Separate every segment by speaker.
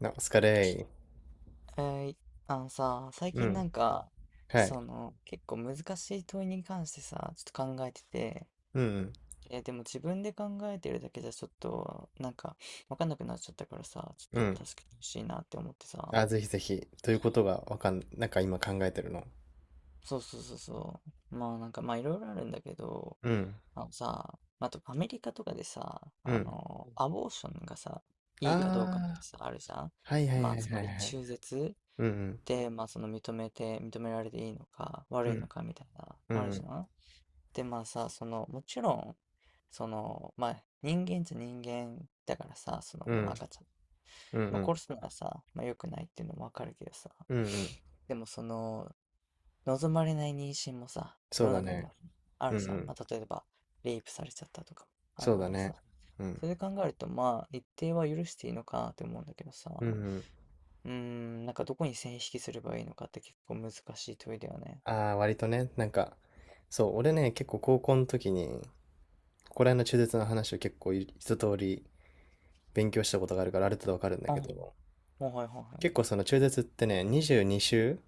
Speaker 1: なお疲れ
Speaker 2: えー、あのさ、最
Speaker 1: ー。う
Speaker 2: 近な
Speaker 1: ん。
Speaker 2: んか、
Speaker 1: はい。
Speaker 2: その、結構難しい問いに関してさ、ちょっと考えてて、
Speaker 1: うん、
Speaker 2: でも自分で考えてるだけじゃちょっと、なんか、わかんなくなっちゃったからさ、ち
Speaker 1: うん。
Speaker 2: ょ
Speaker 1: う
Speaker 2: っと
Speaker 1: ん。
Speaker 2: 助けてほしいなって思ってさ、
Speaker 1: あ、ぜひぜひ。ということがわかん、なんか今考えてるの。
Speaker 2: そうそうそうそう、まあなんか、まあいろいろあるんだけど、
Speaker 1: うん。
Speaker 2: あのさ、あとアメリカとかでさ、
Speaker 1: う
Speaker 2: あ
Speaker 1: ん。
Speaker 2: の、アボーションがさ、いいかどうかって
Speaker 1: ああ、
Speaker 2: さ、あるじゃん。
Speaker 1: はいはい
Speaker 2: まあ、
Speaker 1: はい
Speaker 2: つ
Speaker 1: は
Speaker 2: ま
Speaker 1: い
Speaker 2: り
Speaker 1: はい。
Speaker 2: 中絶
Speaker 1: うん、
Speaker 2: で、まあその認めて、認められていいのか
Speaker 1: う
Speaker 2: 悪いの
Speaker 1: ん。
Speaker 2: かみたいな、
Speaker 1: う
Speaker 2: ある
Speaker 1: ん、う
Speaker 2: じ
Speaker 1: ん。
Speaker 2: ゃん。で、まあさ、その、もちろん、その、まあ人間だからさ、その、
Speaker 1: う
Speaker 2: まあ
Speaker 1: ん、
Speaker 2: 赤ちゃん、
Speaker 1: うん。う
Speaker 2: まあ
Speaker 1: ん、
Speaker 2: 殺すのはさ、まあ良くないっていうのもわかるけどさ、
Speaker 1: うん。うん
Speaker 2: でもその、望まれない妊娠もさ、
Speaker 1: そ
Speaker 2: 世
Speaker 1: う
Speaker 2: の
Speaker 1: だ
Speaker 2: 中に
Speaker 1: ね。
Speaker 2: はあ
Speaker 1: うん、
Speaker 2: る
Speaker 1: う
Speaker 2: じゃん。
Speaker 1: ん。
Speaker 2: まあ例えば、レイプされちゃったとかもあ
Speaker 1: そ
Speaker 2: る
Speaker 1: うだ
Speaker 2: から
Speaker 1: ね。
Speaker 2: さ、
Speaker 1: うん。
Speaker 2: それで考えると、まあ一定は許していいのかなって思うんだけどさ、
Speaker 1: うん、うん。
Speaker 2: うーん、なんかどこに線引きすればいいのかって結構難しい問いだよね。
Speaker 1: ああ、割とね、なんか、そう、俺ね、結構高校の時に、ここら辺の中絶の話を結構一通り勉強したことがあるから、ある程度わかるんだ
Speaker 2: あ、
Speaker 1: け
Speaker 2: は
Speaker 1: ど、
Speaker 2: いはいは
Speaker 1: 結構その中絶ってね、22週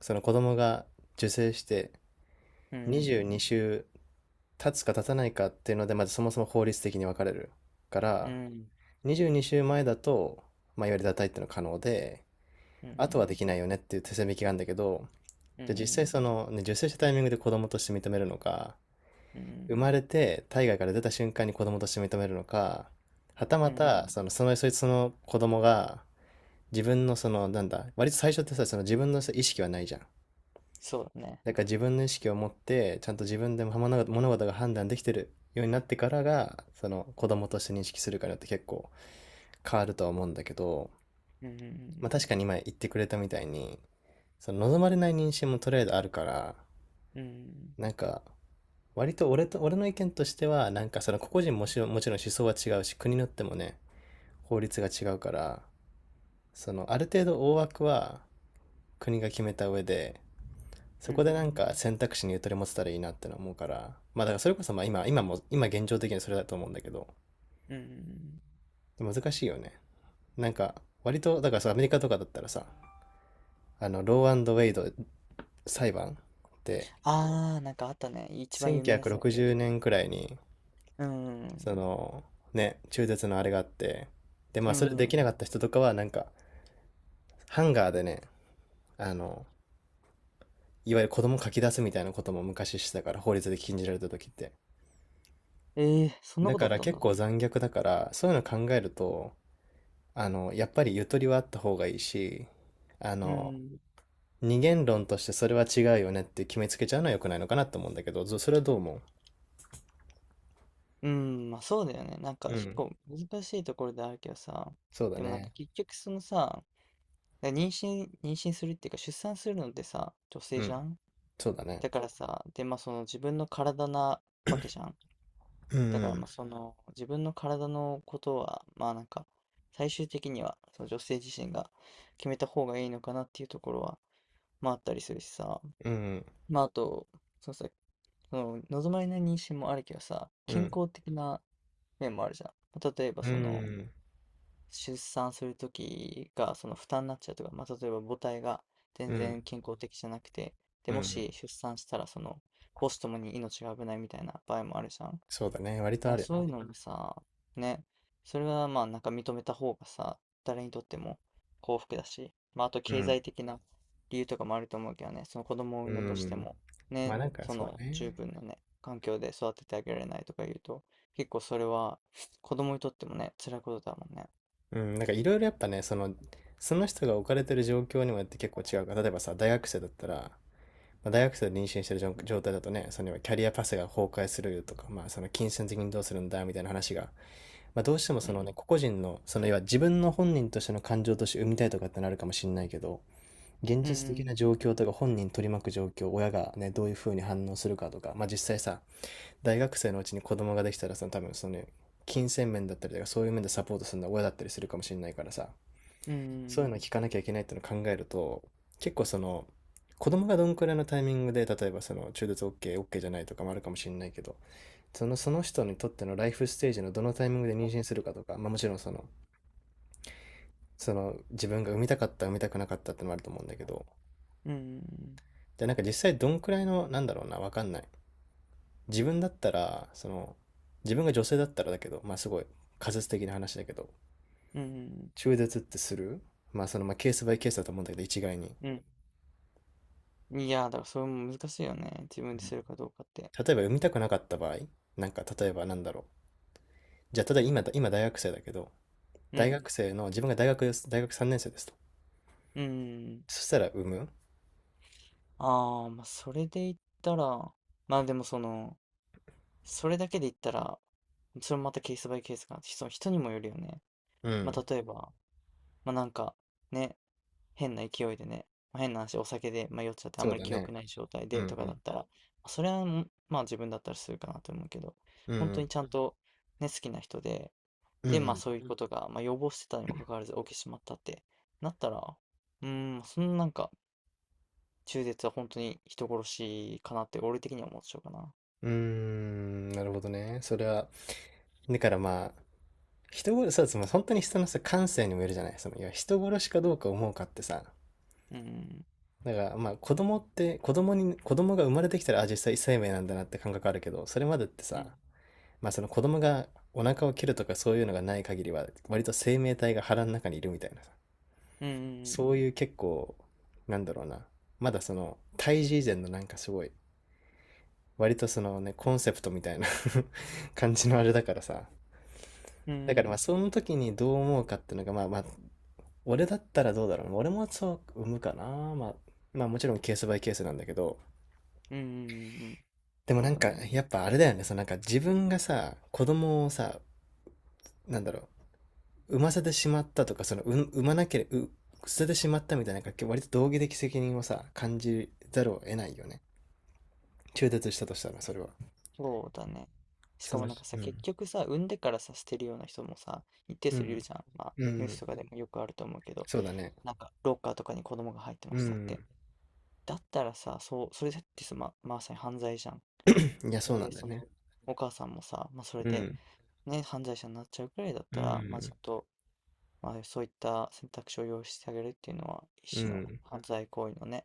Speaker 1: その子供が受精して
Speaker 2: い。う
Speaker 1: 22
Speaker 2: ん、
Speaker 1: 週経つか経たないかっていうので、まずそもそも法律的に分かれるか
Speaker 2: う
Speaker 1: ら、
Speaker 2: ん、
Speaker 1: 22週前だと、まあ、いわゆる堕胎っていうのは可能で、
Speaker 2: う
Speaker 1: あとはでき
Speaker 2: ん、
Speaker 1: ないよねっていう手線引きがあるんだけど、
Speaker 2: う
Speaker 1: じゃあ実際
Speaker 2: ん、
Speaker 1: その、ね、受精したタイミングで子供として認めるのか、
Speaker 2: う
Speaker 1: 生
Speaker 2: ん、
Speaker 1: まれて体外から出た瞬間に子供として認めるのか、はた
Speaker 2: う
Speaker 1: また、
Speaker 2: ん、
Speaker 1: そいつの子供が、自分のその、なんだ、割と最初ってさ、その自分のさ意識はないじゃん。
Speaker 2: そうだね。
Speaker 1: だから自分の意識を持って、ちゃんと自分でも物事が判断できてるようになってからが、その子供として認識するかによって結構変わるとは思うんだけど、
Speaker 2: う
Speaker 1: ま
Speaker 2: ん、
Speaker 1: あ確かに今言ってくれたみたいに、その望まれない妊娠もとりあえずあるから、
Speaker 2: うん、
Speaker 1: なんか、割と俺の意見としては、なんかその個々人もしもちろん思想は違うし、国によってもね、法律が違うから、そのある程度大枠は国が決めた上で、
Speaker 2: う
Speaker 1: そこ
Speaker 2: ん、
Speaker 1: でなんか選択肢にゆとり持てたらいいなっての思うから、まあだからそれこそまあ今現状的にそれだと思うんだけど、
Speaker 2: うん。
Speaker 1: 難しいよね。なんか、割と、だからさ、アメリカとかだったらさ、あの、ローアンドウェイド裁判って
Speaker 2: ああ、なんかあったね。一番有名なや
Speaker 1: 1960
Speaker 2: つだっけ。
Speaker 1: 年くろくじゅうねんくらいに、
Speaker 2: うん、
Speaker 1: その、ね、中絶のあれがあって、で、ま
Speaker 2: う
Speaker 1: あそれで
Speaker 2: ん。
Speaker 1: きなかった人とかはなんか、ハンガーでね、あの、いわゆる子供書き出すみたいなことも昔してたから、法律で禁じられた時って。
Speaker 2: ええ、そんな
Speaker 1: だ
Speaker 2: こ
Speaker 1: か
Speaker 2: とあっ
Speaker 1: ら
Speaker 2: たん
Speaker 1: 結
Speaker 2: だ。
Speaker 1: 構残虐だから、そういうの考えると、あの、やっぱりゆとりはあった方がいいし、あ
Speaker 2: う
Speaker 1: の、
Speaker 2: ん、
Speaker 1: 二元論としてそれは違うよねって決めつけちゃうのは良くないのかなと思うんだけど、それはどう思
Speaker 2: うん、まあそうだよね。なんか
Speaker 1: うう
Speaker 2: 結
Speaker 1: ん。
Speaker 2: 構難しいところであるけどさ、
Speaker 1: そうだ
Speaker 2: でもなんか
Speaker 1: ね。
Speaker 2: 結局そのさ、妊娠するっていうか出産するのってさ、女
Speaker 1: う
Speaker 2: 性じゃ
Speaker 1: ん。
Speaker 2: ん。
Speaker 1: そうだね。
Speaker 2: だからさ、で、まあその自分の体なわけじゃん。
Speaker 1: う
Speaker 2: だから
Speaker 1: ん。
Speaker 2: まあその自分の体のことは、まあなんか最終的にはその女性自身が決めた方がいいのかなっていうところは、まああったりするしさ。
Speaker 1: うん。
Speaker 2: まああと、そのさ、その望まれない妊娠もあるけどさ、
Speaker 1: う
Speaker 2: 健
Speaker 1: ん。
Speaker 2: 康的な面もあるじゃん。まあ例えば
Speaker 1: う
Speaker 2: その、
Speaker 1: ん。
Speaker 2: 出産するときがその負担になっちゃうとか、まあ、例えば母体が
Speaker 1: う
Speaker 2: 全
Speaker 1: ん。
Speaker 2: 然健康的じゃなくて、
Speaker 1: う
Speaker 2: で、も
Speaker 1: ん。
Speaker 2: し出産したらその母子ともに命が危ないみたいな場合もあるじゃん。だ
Speaker 1: そうだね。割
Speaker 2: か
Speaker 1: とあ
Speaker 2: ら
Speaker 1: る
Speaker 2: そ
Speaker 1: よ
Speaker 2: うい
Speaker 1: ね。
Speaker 2: うのもさ、ね、それはまあなんか認めた方がさ、誰にとっても幸福だし、まああと
Speaker 1: う
Speaker 2: 経
Speaker 1: ん。
Speaker 2: 済的な理由とかもあると思うけどね、その子供を産
Speaker 1: う
Speaker 2: んだとして
Speaker 1: ん。
Speaker 2: も、
Speaker 1: ま
Speaker 2: ね、
Speaker 1: あなんか
Speaker 2: そ
Speaker 1: そ
Speaker 2: の
Speaker 1: う
Speaker 2: 十
Speaker 1: ね。
Speaker 2: 分なね、環境で育ててあげられないとか言うと、結構それは子供にとってもね、辛いことだもんね。
Speaker 1: うん。なんかいろいろやっぱね、その、その人が置かれてる状況にもよって結構違うから、例えばさ、大学生だったら、まあ、大学生で妊娠してる状態だとね、そのキャリアパスが崩壊するとか、まあ、その金銭的にどうするんだみたいな話が、まあ、どうしても
Speaker 2: う
Speaker 1: その
Speaker 2: ん
Speaker 1: ね、個々人の、その要は自分の本人としての感情として生みたいとかってなるかもしれないけど、現
Speaker 2: う
Speaker 1: 実的
Speaker 2: ん
Speaker 1: な状況とか本人取り巻く状況、親がね、どういうふうに反応するかとか、まあ実際さ、大学生のうちに子供ができたらさ、多分そのね、金銭面だったりとか、そういう面でサポートするのは親だったりするかもしれないからさ、
Speaker 2: うん。う
Speaker 1: そういうの
Speaker 2: ん
Speaker 1: 聞かなきゃいけないっていうのを考えると、結構その、子供がどんくらいのタイミングで、例えばその中絶 OK、OK じゃないとかもあるかもしれないけど、その、その人にとってのライフステージのどのタイミングで妊娠するかとか、まあもちろんその、その自分が産みたかった、産みたくなかったってのもあると思うんだけど、
Speaker 2: うんうん。
Speaker 1: じゃあなんか実際どんくらいの、なんだろうな、わかんない。自分だったら、その、自分が女性だったらだけど、まあすごい仮説的な話だけど、
Speaker 2: うん。
Speaker 1: 中絶ってするまあその、まあケースバイケースだと思うんだけど、一概に。
Speaker 2: うん。いや、だからそれも難しいよね。自分でするかどうかって。
Speaker 1: 例えば読みたくなかった場合、なんか例えばなんだろう。じゃあ、例えば今大学生だけど、
Speaker 2: う
Speaker 1: 大
Speaker 2: ん。
Speaker 1: 学生の、自分が大学3年生ですと。
Speaker 2: うん。
Speaker 1: そしたら産む
Speaker 2: ああ、まあ、それで言ったら、まあでもその、それだけで言ったら、それもまたケースバイケースかな。その人にもよるよね。
Speaker 1: う
Speaker 2: ま
Speaker 1: ん。
Speaker 2: あ例えば、まあなんか、ね、変な勢いでね、まあ変な話、お酒で、まあ、酔っちゃってあ
Speaker 1: そ
Speaker 2: ん
Speaker 1: う
Speaker 2: まり
Speaker 1: だ
Speaker 2: 記
Speaker 1: ね。
Speaker 2: 憶ない状態
Speaker 1: うん
Speaker 2: で
Speaker 1: う
Speaker 2: とかだっ
Speaker 1: ん。
Speaker 2: たら、まあそれはもう、まあ自分だったらするかなと思うけど、
Speaker 1: うんう
Speaker 2: 本当
Speaker 1: ん。
Speaker 2: にちゃんうんとね、好きな人で、
Speaker 1: うん
Speaker 2: で、
Speaker 1: う
Speaker 2: まあ
Speaker 1: ん。
Speaker 2: そういううこん。とが、まあ、予防してたにもかかわらず起きてしまったってなったら、うーん、そのなんか中絶は本当に人殺しかなって俺的には思っちゃうかな。
Speaker 1: うーん、なるほどね。それは、だからまあ、人殺し、そうです。まあ、本当に人のさ、感性にもよるじゃない。その、いや、人殺しかどうか思うかってさ、
Speaker 2: うん。
Speaker 1: だからまあ子供って子供に子供が生まれてきたらあ実際生命なんだなって感覚あるけどそれまでって
Speaker 2: う
Speaker 1: さ
Speaker 2: ん。
Speaker 1: まあその子供がお腹を切るとかそういうのがない限りは割と生命体が腹の中にいるみたいなさ
Speaker 2: う
Speaker 1: そ
Speaker 2: ん
Speaker 1: ういう結構なんだろうなまだその胎児以前のなんかすごい割とそのねコンセプトみたいな 感じのあれだからさ
Speaker 2: う
Speaker 1: だか
Speaker 2: んう
Speaker 1: らま
Speaker 2: ん
Speaker 1: あその時にどう思うかっていうのがまあまあ俺だったらどうだろうな俺もそう産むかなまあまあもちろんケースバイケースなんだけど
Speaker 2: うんうんうん。
Speaker 1: でも
Speaker 2: そ
Speaker 1: な
Speaker 2: う
Speaker 1: ん
Speaker 2: だ
Speaker 1: か
Speaker 2: ね。
Speaker 1: やっぱあれだよねそのなんか自分がさ子供をさなんだろう産ませてしまったとか、その、産まなければ、捨ててしまったみたいな、割と道義的責任をさ、感じざるを得ないよね。中絶したとしたら、それは。
Speaker 2: そうだね。し
Speaker 1: そ
Speaker 2: かも
Speaker 1: の、
Speaker 2: なんかさ、そ
Speaker 1: う
Speaker 2: う
Speaker 1: ん。
Speaker 2: 結局さ産んでからさ捨てるような人もさ一定
Speaker 1: う
Speaker 2: 数いる
Speaker 1: ん。
Speaker 2: じゃん。まあ
Speaker 1: う
Speaker 2: ニュース
Speaker 1: ん。
Speaker 2: とかうでん。もよくあると思うけど、
Speaker 1: そうだね。
Speaker 2: なんかロッカーとかに子供が入ってま
Speaker 1: う
Speaker 2: したって、
Speaker 1: ん。
Speaker 2: だったらさ、そうそれだってさま、まさに犯罪じゃん。
Speaker 1: いや、そうな
Speaker 2: で、
Speaker 1: んだ
Speaker 2: そ
Speaker 1: よ
Speaker 2: の、
Speaker 1: ね。
Speaker 2: お母さんもさ、まあ、それ
Speaker 1: う
Speaker 2: で、
Speaker 1: ん。
Speaker 2: ね、犯罪者になっちゃうくらいだっ
Speaker 1: う
Speaker 2: たら、まあ、ち
Speaker 1: ん。
Speaker 2: ょっと、まあ、そういった選択肢を用意してあげるっていうのは、
Speaker 1: う
Speaker 2: 一種の
Speaker 1: ん。
Speaker 2: 犯罪行為のね、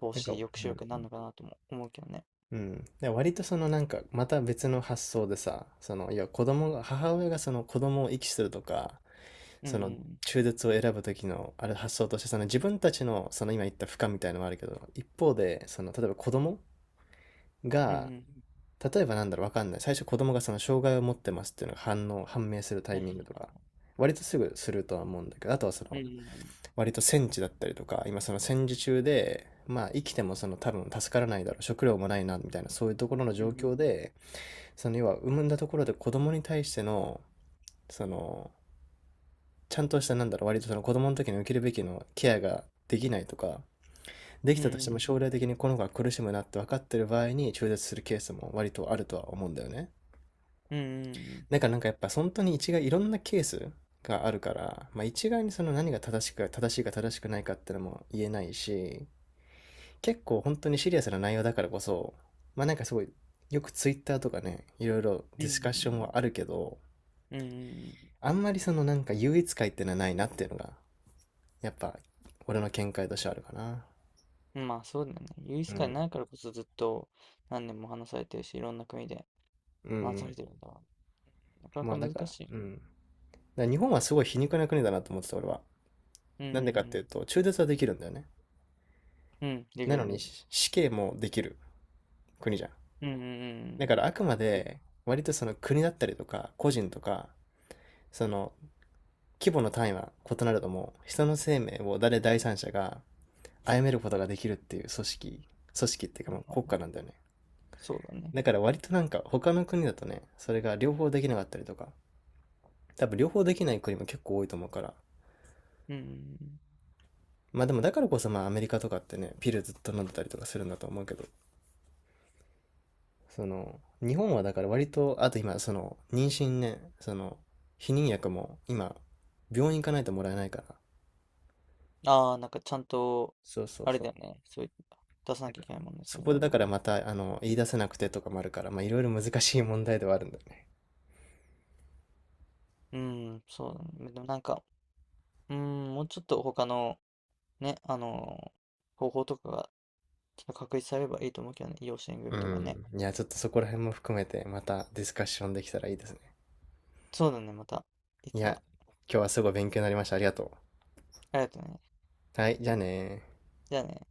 Speaker 2: 防
Speaker 1: なん
Speaker 2: 止、
Speaker 1: か、
Speaker 2: 抑
Speaker 1: う
Speaker 2: 止
Speaker 1: ん。
Speaker 2: 力になるのかなとも思うけどね。
Speaker 1: うん。で割とそのなんか、また別の発想でさ、その、いや、子供が、母親がその子供を遺棄するとか、
Speaker 2: う
Speaker 1: その
Speaker 2: ん、
Speaker 1: 中絶を選ぶ時のあれ発想としてその自分たちのその今言った負荷みたいのもあるけど一方でその例えば子供
Speaker 2: うん、うん、
Speaker 1: が
Speaker 2: うん
Speaker 1: 例えばなんだろうわかんない最初子供がその障害を持ってますっていうのが反応判明するタ
Speaker 2: うん、
Speaker 1: イ
Speaker 2: は
Speaker 1: ミング
Speaker 2: い、
Speaker 1: とか割とすぐするとは思うんだけどあとはそ
Speaker 2: う
Speaker 1: の
Speaker 2: ん、
Speaker 1: 割と戦地だったりとか今その戦時中でまあ生きてもその多分助からないだろう食料もないなみたいなそういうところの
Speaker 2: う
Speaker 1: 状
Speaker 2: ん、
Speaker 1: 況でその要は産んだところで子供に対してのそのちゃんとした、なんだろう、割とその子供の時に受けるべきのケアができないとか、でき
Speaker 2: う
Speaker 1: たとしても
Speaker 2: ん、
Speaker 1: 将来的にこの子が苦しむなって分かってる場合に中絶するケースも割とあるとは思うんだよね。
Speaker 2: うん、うん、
Speaker 1: だからなんかやっぱ本当に一概いろんなケースがあるから、まあ、一概にその何が正しく正しいか正しくないかってのも言えないし、結構本当にシリアスな内容だからこそ、まあなんかすごいよくツイッターとかね、いろいろ
Speaker 2: う
Speaker 1: デ
Speaker 2: ん、う
Speaker 1: ィスカッショ
Speaker 2: ん、
Speaker 1: ンはあるけど、
Speaker 2: うん、うん、うんうん、
Speaker 1: あんまりそのなんか優越感ってのはないなっていうのがやっぱ、俺の見解としてあるかな。
Speaker 2: うん、まあ、そうだよね。優
Speaker 1: う
Speaker 2: 越感
Speaker 1: ん。
Speaker 2: ないからこそずっと何年も話されてるし、いろんな国で
Speaker 1: う
Speaker 2: 話さ
Speaker 1: ん。
Speaker 2: れてるんだわ。なかな
Speaker 1: ま
Speaker 2: か
Speaker 1: あ、だか
Speaker 2: 難
Speaker 1: ら、
Speaker 2: しいよね。
Speaker 1: うん。だから日本はすごい皮肉な国だなと思ってた、俺は。
Speaker 2: う
Speaker 1: なんでかって
Speaker 2: ん、
Speaker 1: いうと、中絶はできるんだよね。
Speaker 2: うんうん、うん、でき
Speaker 1: なの
Speaker 2: るね。
Speaker 1: に、死刑もできる国じゃん。
Speaker 2: うんうんう
Speaker 1: だ
Speaker 2: ん
Speaker 1: から、あくま
Speaker 2: できる
Speaker 1: で、割とその国だったりとか、個人とか、その規模の単位は異なるとも、人の生命を誰第三者が殺めることができるっていう組織、組織っていうか
Speaker 2: は
Speaker 1: ま
Speaker 2: い
Speaker 1: あ
Speaker 2: はい
Speaker 1: 国
Speaker 2: は
Speaker 1: 家な
Speaker 2: い。
Speaker 1: んだよね。
Speaker 2: そうだね。
Speaker 1: だから割となんか他の国だとね、それが両方できなかったりとか、多分両方できない国も結構多いと思うから。
Speaker 2: うんうん
Speaker 1: まあでもだからこそまあアメリカとかってね、ピルずっと飲んでたりとかするんだと思うけど、その、日本はだから割と、あと今その、妊娠ね、その、避妊薬も今、病院行かないともらえないから。
Speaker 2: うん。ああ、なんかちゃんと、
Speaker 1: そうそう
Speaker 2: あれ
Speaker 1: そう。
Speaker 2: だよね。そういう、出さなきゃいけないもんね、そ
Speaker 1: そ
Speaker 2: ういう
Speaker 1: こで
Speaker 2: の。
Speaker 1: だからまた、あの、言い出せなくてとかもあるから、まあいろいろ難しい問題ではあるんだよね。
Speaker 2: うん、そうだね。でもなんか、うん、もうちょっと他の、ね、あのー方法とかが、ちょっと確立されればいいと思うけどね。養子縁
Speaker 1: う
Speaker 2: 組とかね。
Speaker 1: ん。いや、ちょっとそこら辺も含めてまたディスカッションできたらいいですね。
Speaker 2: そうだね、また、い
Speaker 1: い
Speaker 2: つ
Speaker 1: や、今
Speaker 2: か。
Speaker 1: 日はすごい勉強になりました。ありがと
Speaker 2: ありがとうね。
Speaker 1: う。はい、じゃあねー。
Speaker 2: じゃあね。